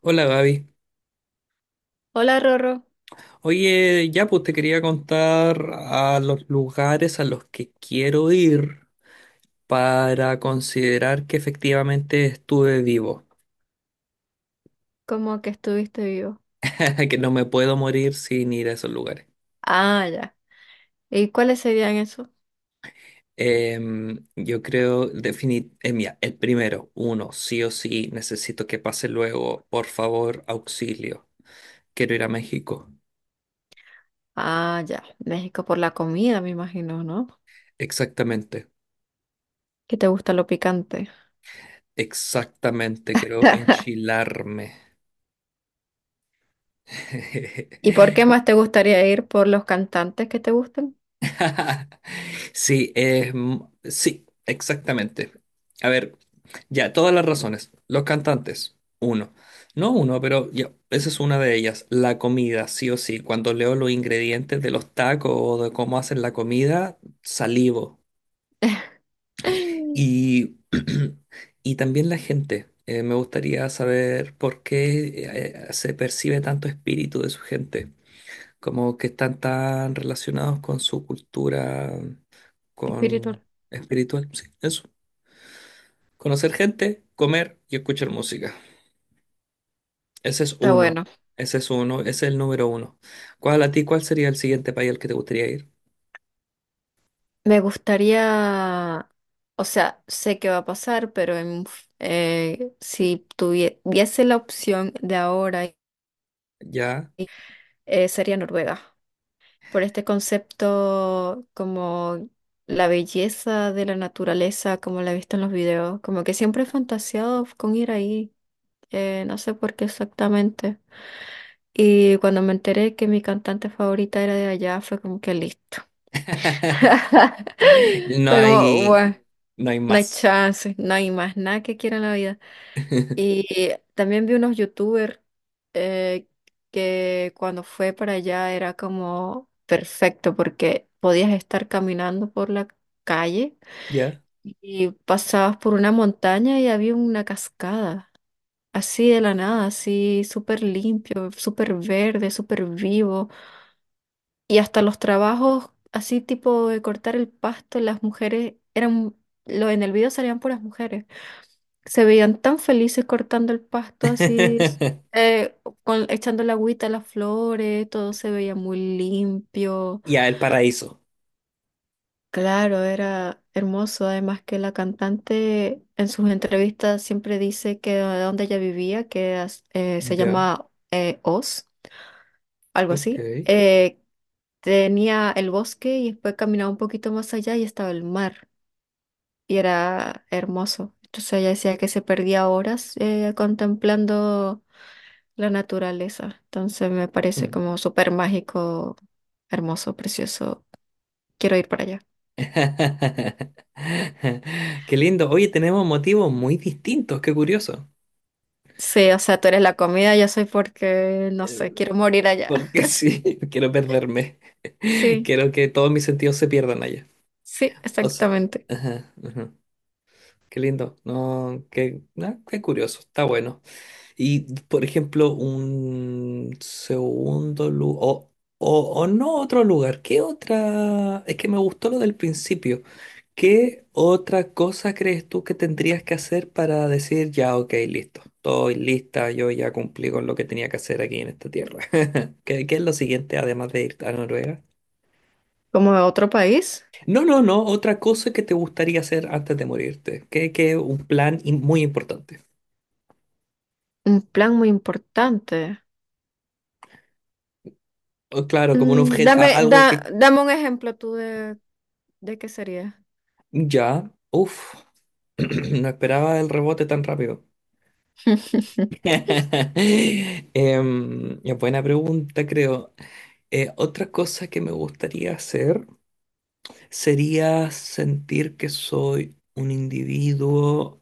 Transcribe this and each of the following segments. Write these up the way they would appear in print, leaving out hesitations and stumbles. Hola Gaby. Hola Rorro, Oye, ya pues te quería contar a los lugares a los que quiero ir para considerar que efectivamente estuve vivo, ¿cómo que estuviste vivo? que no me puedo morir sin ir a esos lugares. Ah, ya. ¿Y cuáles serían esos? Yo creo definir, mira, el primero, uno, sí o sí, necesito que pase luego, por favor, auxilio. Quiero ir a México. Ah, ya. México por la comida, me imagino, ¿no? Exactamente, Que te gusta lo picante. exactamente, quiero enchilarme. ¿Y por qué más te gustaría ir por los cantantes que te gustan? Sí, exactamente. A ver, ya, todas las razones. Los cantantes, uno. No uno, pero ya, esa es una de ellas. La comida, sí o sí. Cuando leo los ingredientes de los tacos o de cómo hacen la comida, salivo. Y, y también la gente. Me gustaría saber por qué se percibe tanto espíritu de su gente. Como que están tan relacionados con su cultura con Espiritual. espiritual, sí, eso. Conocer gente, comer y escuchar música. Ese es Está uno. bueno. Ese es uno, ese es el número uno. ¿Cuál a ti, cuál sería el siguiente país al que te gustaría ir? Me gustaría, o sea, sé que va a pasar, si tuviese la opción de ahora, Ya. Sería Noruega. Por este concepto como la belleza de la naturaleza, como la he visto en los videos, como que siempre he fantaseado con ir ahí, no sé por qué exactamente. Y cuando me enteré que mi cantante favorita era de allá, fue como que listo. No Fue como, bueno, hay, no hay no hay más. chance, no hay más nada que quiera en la vida. Y también vi unos youtubers eh, que cuando fue para allá era como perfecto porque podías estar caminando por la calle Ya. y pasabas por una montaña y había una cascada, así de la nada, así súper limpio, súper verde, súper vivo. Y hasta los trabajos, así tipo de cortar el pasto, las mujeres eran, lo, en el video salían puras mujeres. Se veían tan felices cortando el pasto así, eh, con, echando la agüita a las flores, todo se veía muy limpio. Ya, el paraíso. Claro, era hermoso. Además que la cantante en sus entrevistas siempre dice que de donde ella vivía, se Ya, llama Oz, algo ok. así, tenía el bosque y después caminaba un poquito más allá y estaba el mar. Y era hermoso. Entonces ella decía que se perdía horas contemplando la naturaleza. Entonces me parece Hmm. como súper mágico, hermoso, precioso. Quiero ir para allá. Qué lindo. Oye, tenemos motivos muy distintos, qué curioso. Sí, o sea, tú eres la comida, yo soy porque, no Eh, sé, quiero morir allá. Porque sí, no quiero perderme. Sí, Quiero que todos mis sentidos se pierdan allá. sí, O s- exactamente. ajá, ajá. Qué lindo. No, qué, ah, qué curioso. Está bueno. Y, por ejemplo, un segundo lugar. O, o no otro lugar. ¿Qué otra? Es que me gustó lo del principio. ¿Qué otra cosa crees tú que tendrías que hacer para decir ya, ok, listo? Estoy lista, yo ya cumplí con lo que tenía que hacer aquí en esta tierra. ¿Qué, qué es lo siguiente, además de ir a Noruega? Como de otro país, No, no, no, otra cosa que te gustaría hacer antes de morirte. Que un plan in- muy importante. un plan muy importante. O claro, como un Mm, objeto, algo que dame un ejemplo tú de qué sería. ya, uff, no esperaba el rebote tan rápido. Ya, buena pregunta, creo. Otra cosa que me gustaría hacer sería sentir que soy un individuo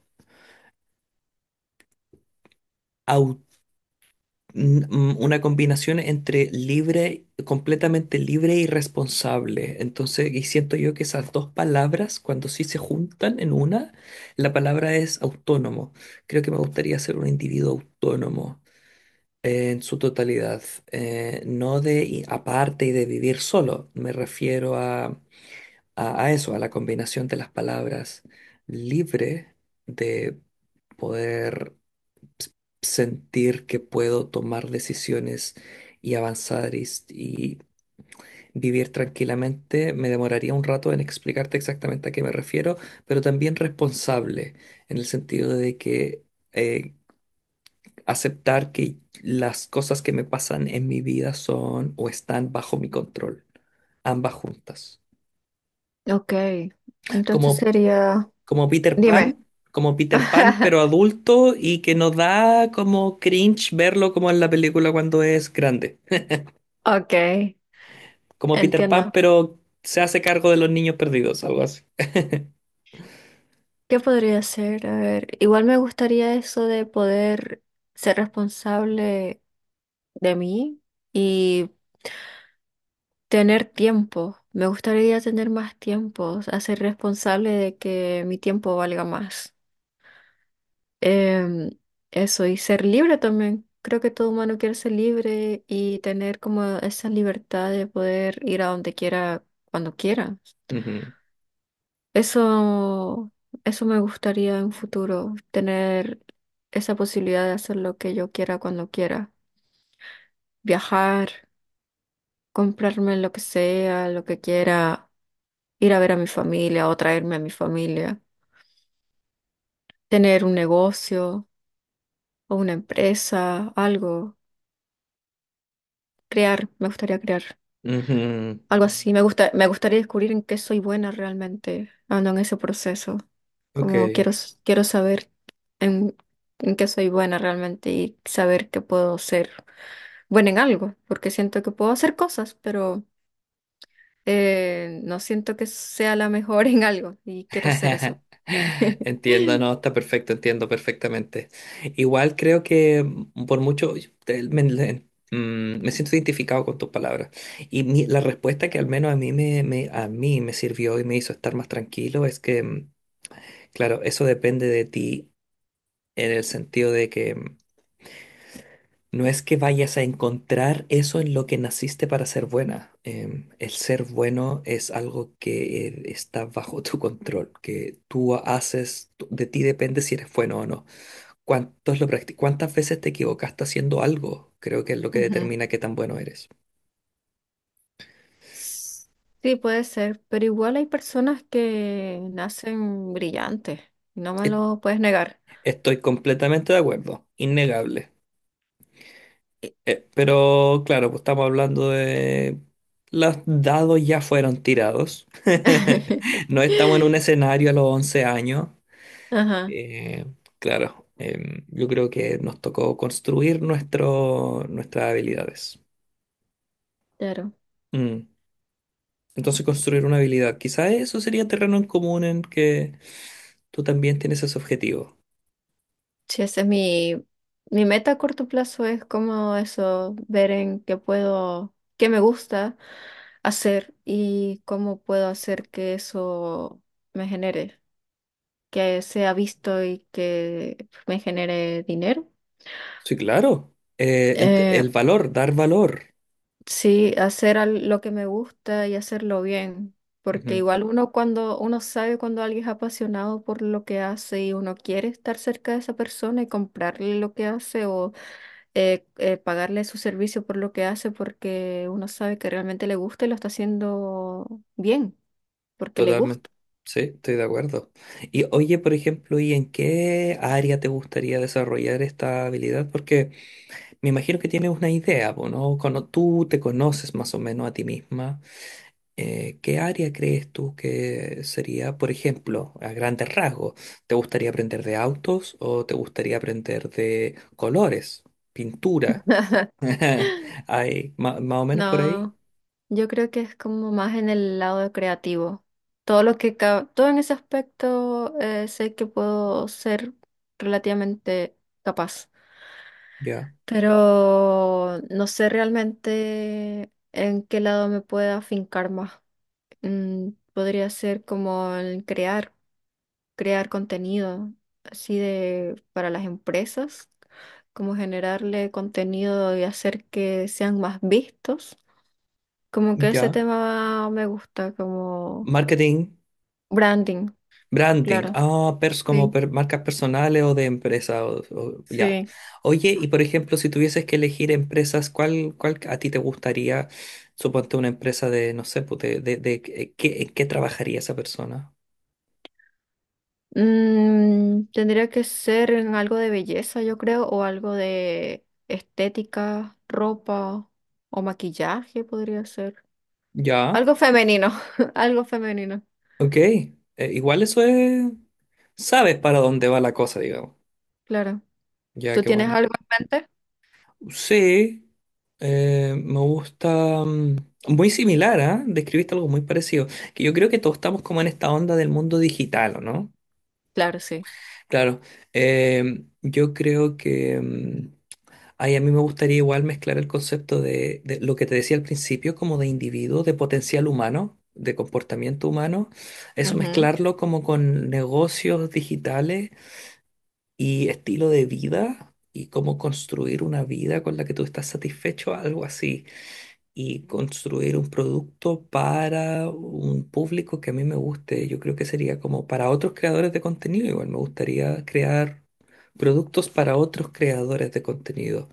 una combinación entre libre, completamente libre y responsable. Entonces, y siento yo que esas dos palabras, cuando sí se juntan en una, la palabra es autónomo. Creo que me gustaría ser un individuo autónomo en su totalidad, no de i- aparte y de vivir solo. Me refiero a, a eso, a la combinación de las palabras libre de poder sentir que puedo tomar decisiones y avanzar y vivir tranquilamente. Me demoraría un rato en explicarte exactamente a qué me refiero, pero también responsable, en el sentido de que eh, aceptar que las cosas que me pasan en mi vida son o están bajo mi control, ambas juntas. Ok, entonces Como, sería, como Peter dime. Pan. Como Peter Pan, pero adulto y que nos da como cringe verlo como en la película cuando es grande. Ok, Como Peter entiendo. Pan, pero se hace cargo de los niños perdidos, algo así. ¿Qué podría ser? A ver, igual me gustaría eso de poder ser responsable de mí y tener tiempo. Me gustaría tener más tiempo, hacer responsable de que mi tiempo valga más. Em, Eso, y ser libre también. Creo que todo humano quiere ser libre y tener como esa libertad de poder ir a donde quiera, cuando quiera. Ujú, Eso, eso me gustaría en futuro, tener esa posibilidad de hacer lo que yo quiera cuando quiera, viajar, comprarme lo que sea, lo que quiera, ir a ver a mi familia o traerme a mi familia, tener un negocio o una empresa, algo, crear, me gustaría crear. ujú, Algo así. Me gusta, me gustaría descubrir en qué soy buena realmente, ando en ese proceso. ok. Como quiero, quiero saber en, en qué soy buena realmente y saber que puedo ser buena en algo, porque siento que puedo hacer cosas, pero no siento que sea la mejor en algo y quiero ser eso. Entiendo, no, está perfecto, entiendo perfectamente. Igual creo que por mucho yo te- me, le- mm, me siento identificado con tus palabras. Y la respuesta que al menos a mí me sirvió y me hizo estar más tranquilo es que, claro, eso depende de ti en el sentido de que no es que vayas a encontrar eso en lo que naciste para ser buena. El ser bueno es algo que está bajo tu control, que tú haces, tú- de ti depende si eres bueno o no. ¿Cuántas veces te equivocaste haciendo algo? Creo que es lo que Ujú. determina qué tan bueno eres. S- Sí, puede ser, pero igual hay personas que nacen brillantes, no me E- lo puedes negar. Estoy completamente de acuerdo, innegable. Y- Pero claro, pues estamos hablando de... Los dados ya fueron tirados. No estamos en un escenario a los 11 años. Ajá. Eh, claro, yo creo que nos tocó construir nuestras habilidades. Claro. Mm. Entonces construir una habilidad, quizás eso sería terreno en común en que tú también tienes ese objetivo. Sí, ese es mi, mi meta a corto plazo, es como eso, ver en qué puedo, qué me gusta hacer y cómo puedo hacer que eso me genere, que sea visto y que me genere dinero. Sí, claro. Eh, El valor, dar valor. sí, hacer lo que me gusta y hacerlo bien, porque Ujú, igual uno cuando uno sabe cuando alguien es apasionado por lo que hace y uno quiere estar cerca de esa persona y comprarle lo que hace o pagarle su servicio por lo que hace porque uno sabe que realmente le gusta y lo está haciendo bien, porque le totalmente. gusta. Sí, estoy de acuerdo. Y oye, por ejemplo, ¿y en qué área te gustaría desarrollar esta habilidad? Porque me imagino que tienes una idea, po, ¿no? Cuando tú te conoces más o menos a ti misma ¿qué área crees tú que sería, por ejemplo, a grandes rasgos? ¿Te gustaría aprender de autos o te gustaría aprender de colores, pintura? Ahí, ma- más o menos por ahí. No, yo creo que es como más en el lado creativo. Todo en ese aspecto sé que puedo ser relativamente capaz, Ya, pero no sé realmente en qué lado me pueda afincar más. Mm, podría ser como el crear. Crear contenido así de para las empresas, como generarle contenido y hacer que sean más vistos. Como que ese ya. tema me gusta, como Marketing, branding, branding. claro. Ah, pers como Sí, per- marcas personales o de empresa. Ya. sí. Oye, y por ejemplo, si tuvieses que elegir empresas, ¿cuál, cuál a ti te gustaría? Suponte una empresa de, no sé, pues, ¿qué, en qué trabajaría esa persona? Mm, tendría que ser en algo de belleza, yo creo, o algo de estética, ropa o maquillaje podría ser. Ya, Algo femenino, algo femenino, ok. Igual eso es... Sabes para dónde va la cosa, digamos. claro. Ya, ¿Tú qué tienes bueno. algo en mente? Sí, me gusta... muy similar, ¿ah? Describiste algo muy parecido. Que yo creo que todos estamos como en esta onda del mundo digital, ¿o no? Claro, sí. Claro. Yo creo que... ay, a mí me gustaría igual mezclar el concepto de lo que te decía al principio, como de individuo, de potencial humano, de comportamiento humano, eso mezclarlo como con negocios digitales y estilo de vida y cómo construir una vida con la que tú estás satisfecho, algo así, y construir un producto para un público que a mí me guste. Yo creo que sería como para otros creadores de contenido, igual me gustaría crear productos para otros creadores de contenido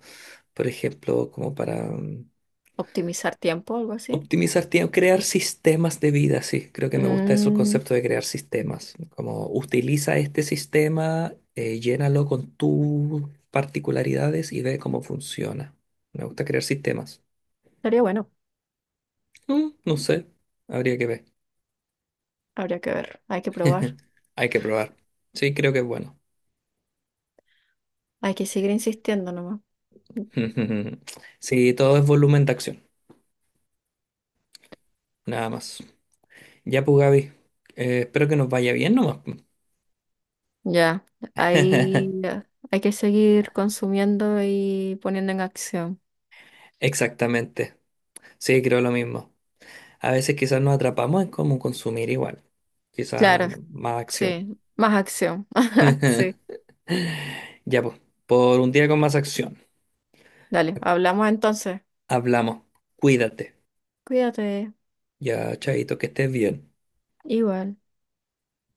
por ejemplo, como para Optimizar tiempo, algo así. optimizar tiempo, crear sistemas de vida, sí, creo que me gusta eso, el Mm, concepto de crear sistemas, como utiliza este sistema, llénalo con tus particularidades y ve cómo funciona. Me gusta crear sistemas. estaría bueno, No sé, habría que ver. habría que ver, hay que probar, Hay que probar. Sí, creo que es bueno. hay que seguir insistiendo nomás. Sí, todo es volumen de acción, nada más. Ya pues, Gaby, espero que nos vaya bien nomás. Ya, hay, hay que seguir consumiendo y poniendo en acción. Exactamente. Sí, creo lo mismo. A veces quizás nos atrapamos en cómo consumir igual. Quizás Claro, más acción. sí, más acción, sí. Ya pues, por un día con más acción. Dale, hablamos entonces. Hablamos. Cuídate. Cuídate, Ya, chaito, que estés bien. igual.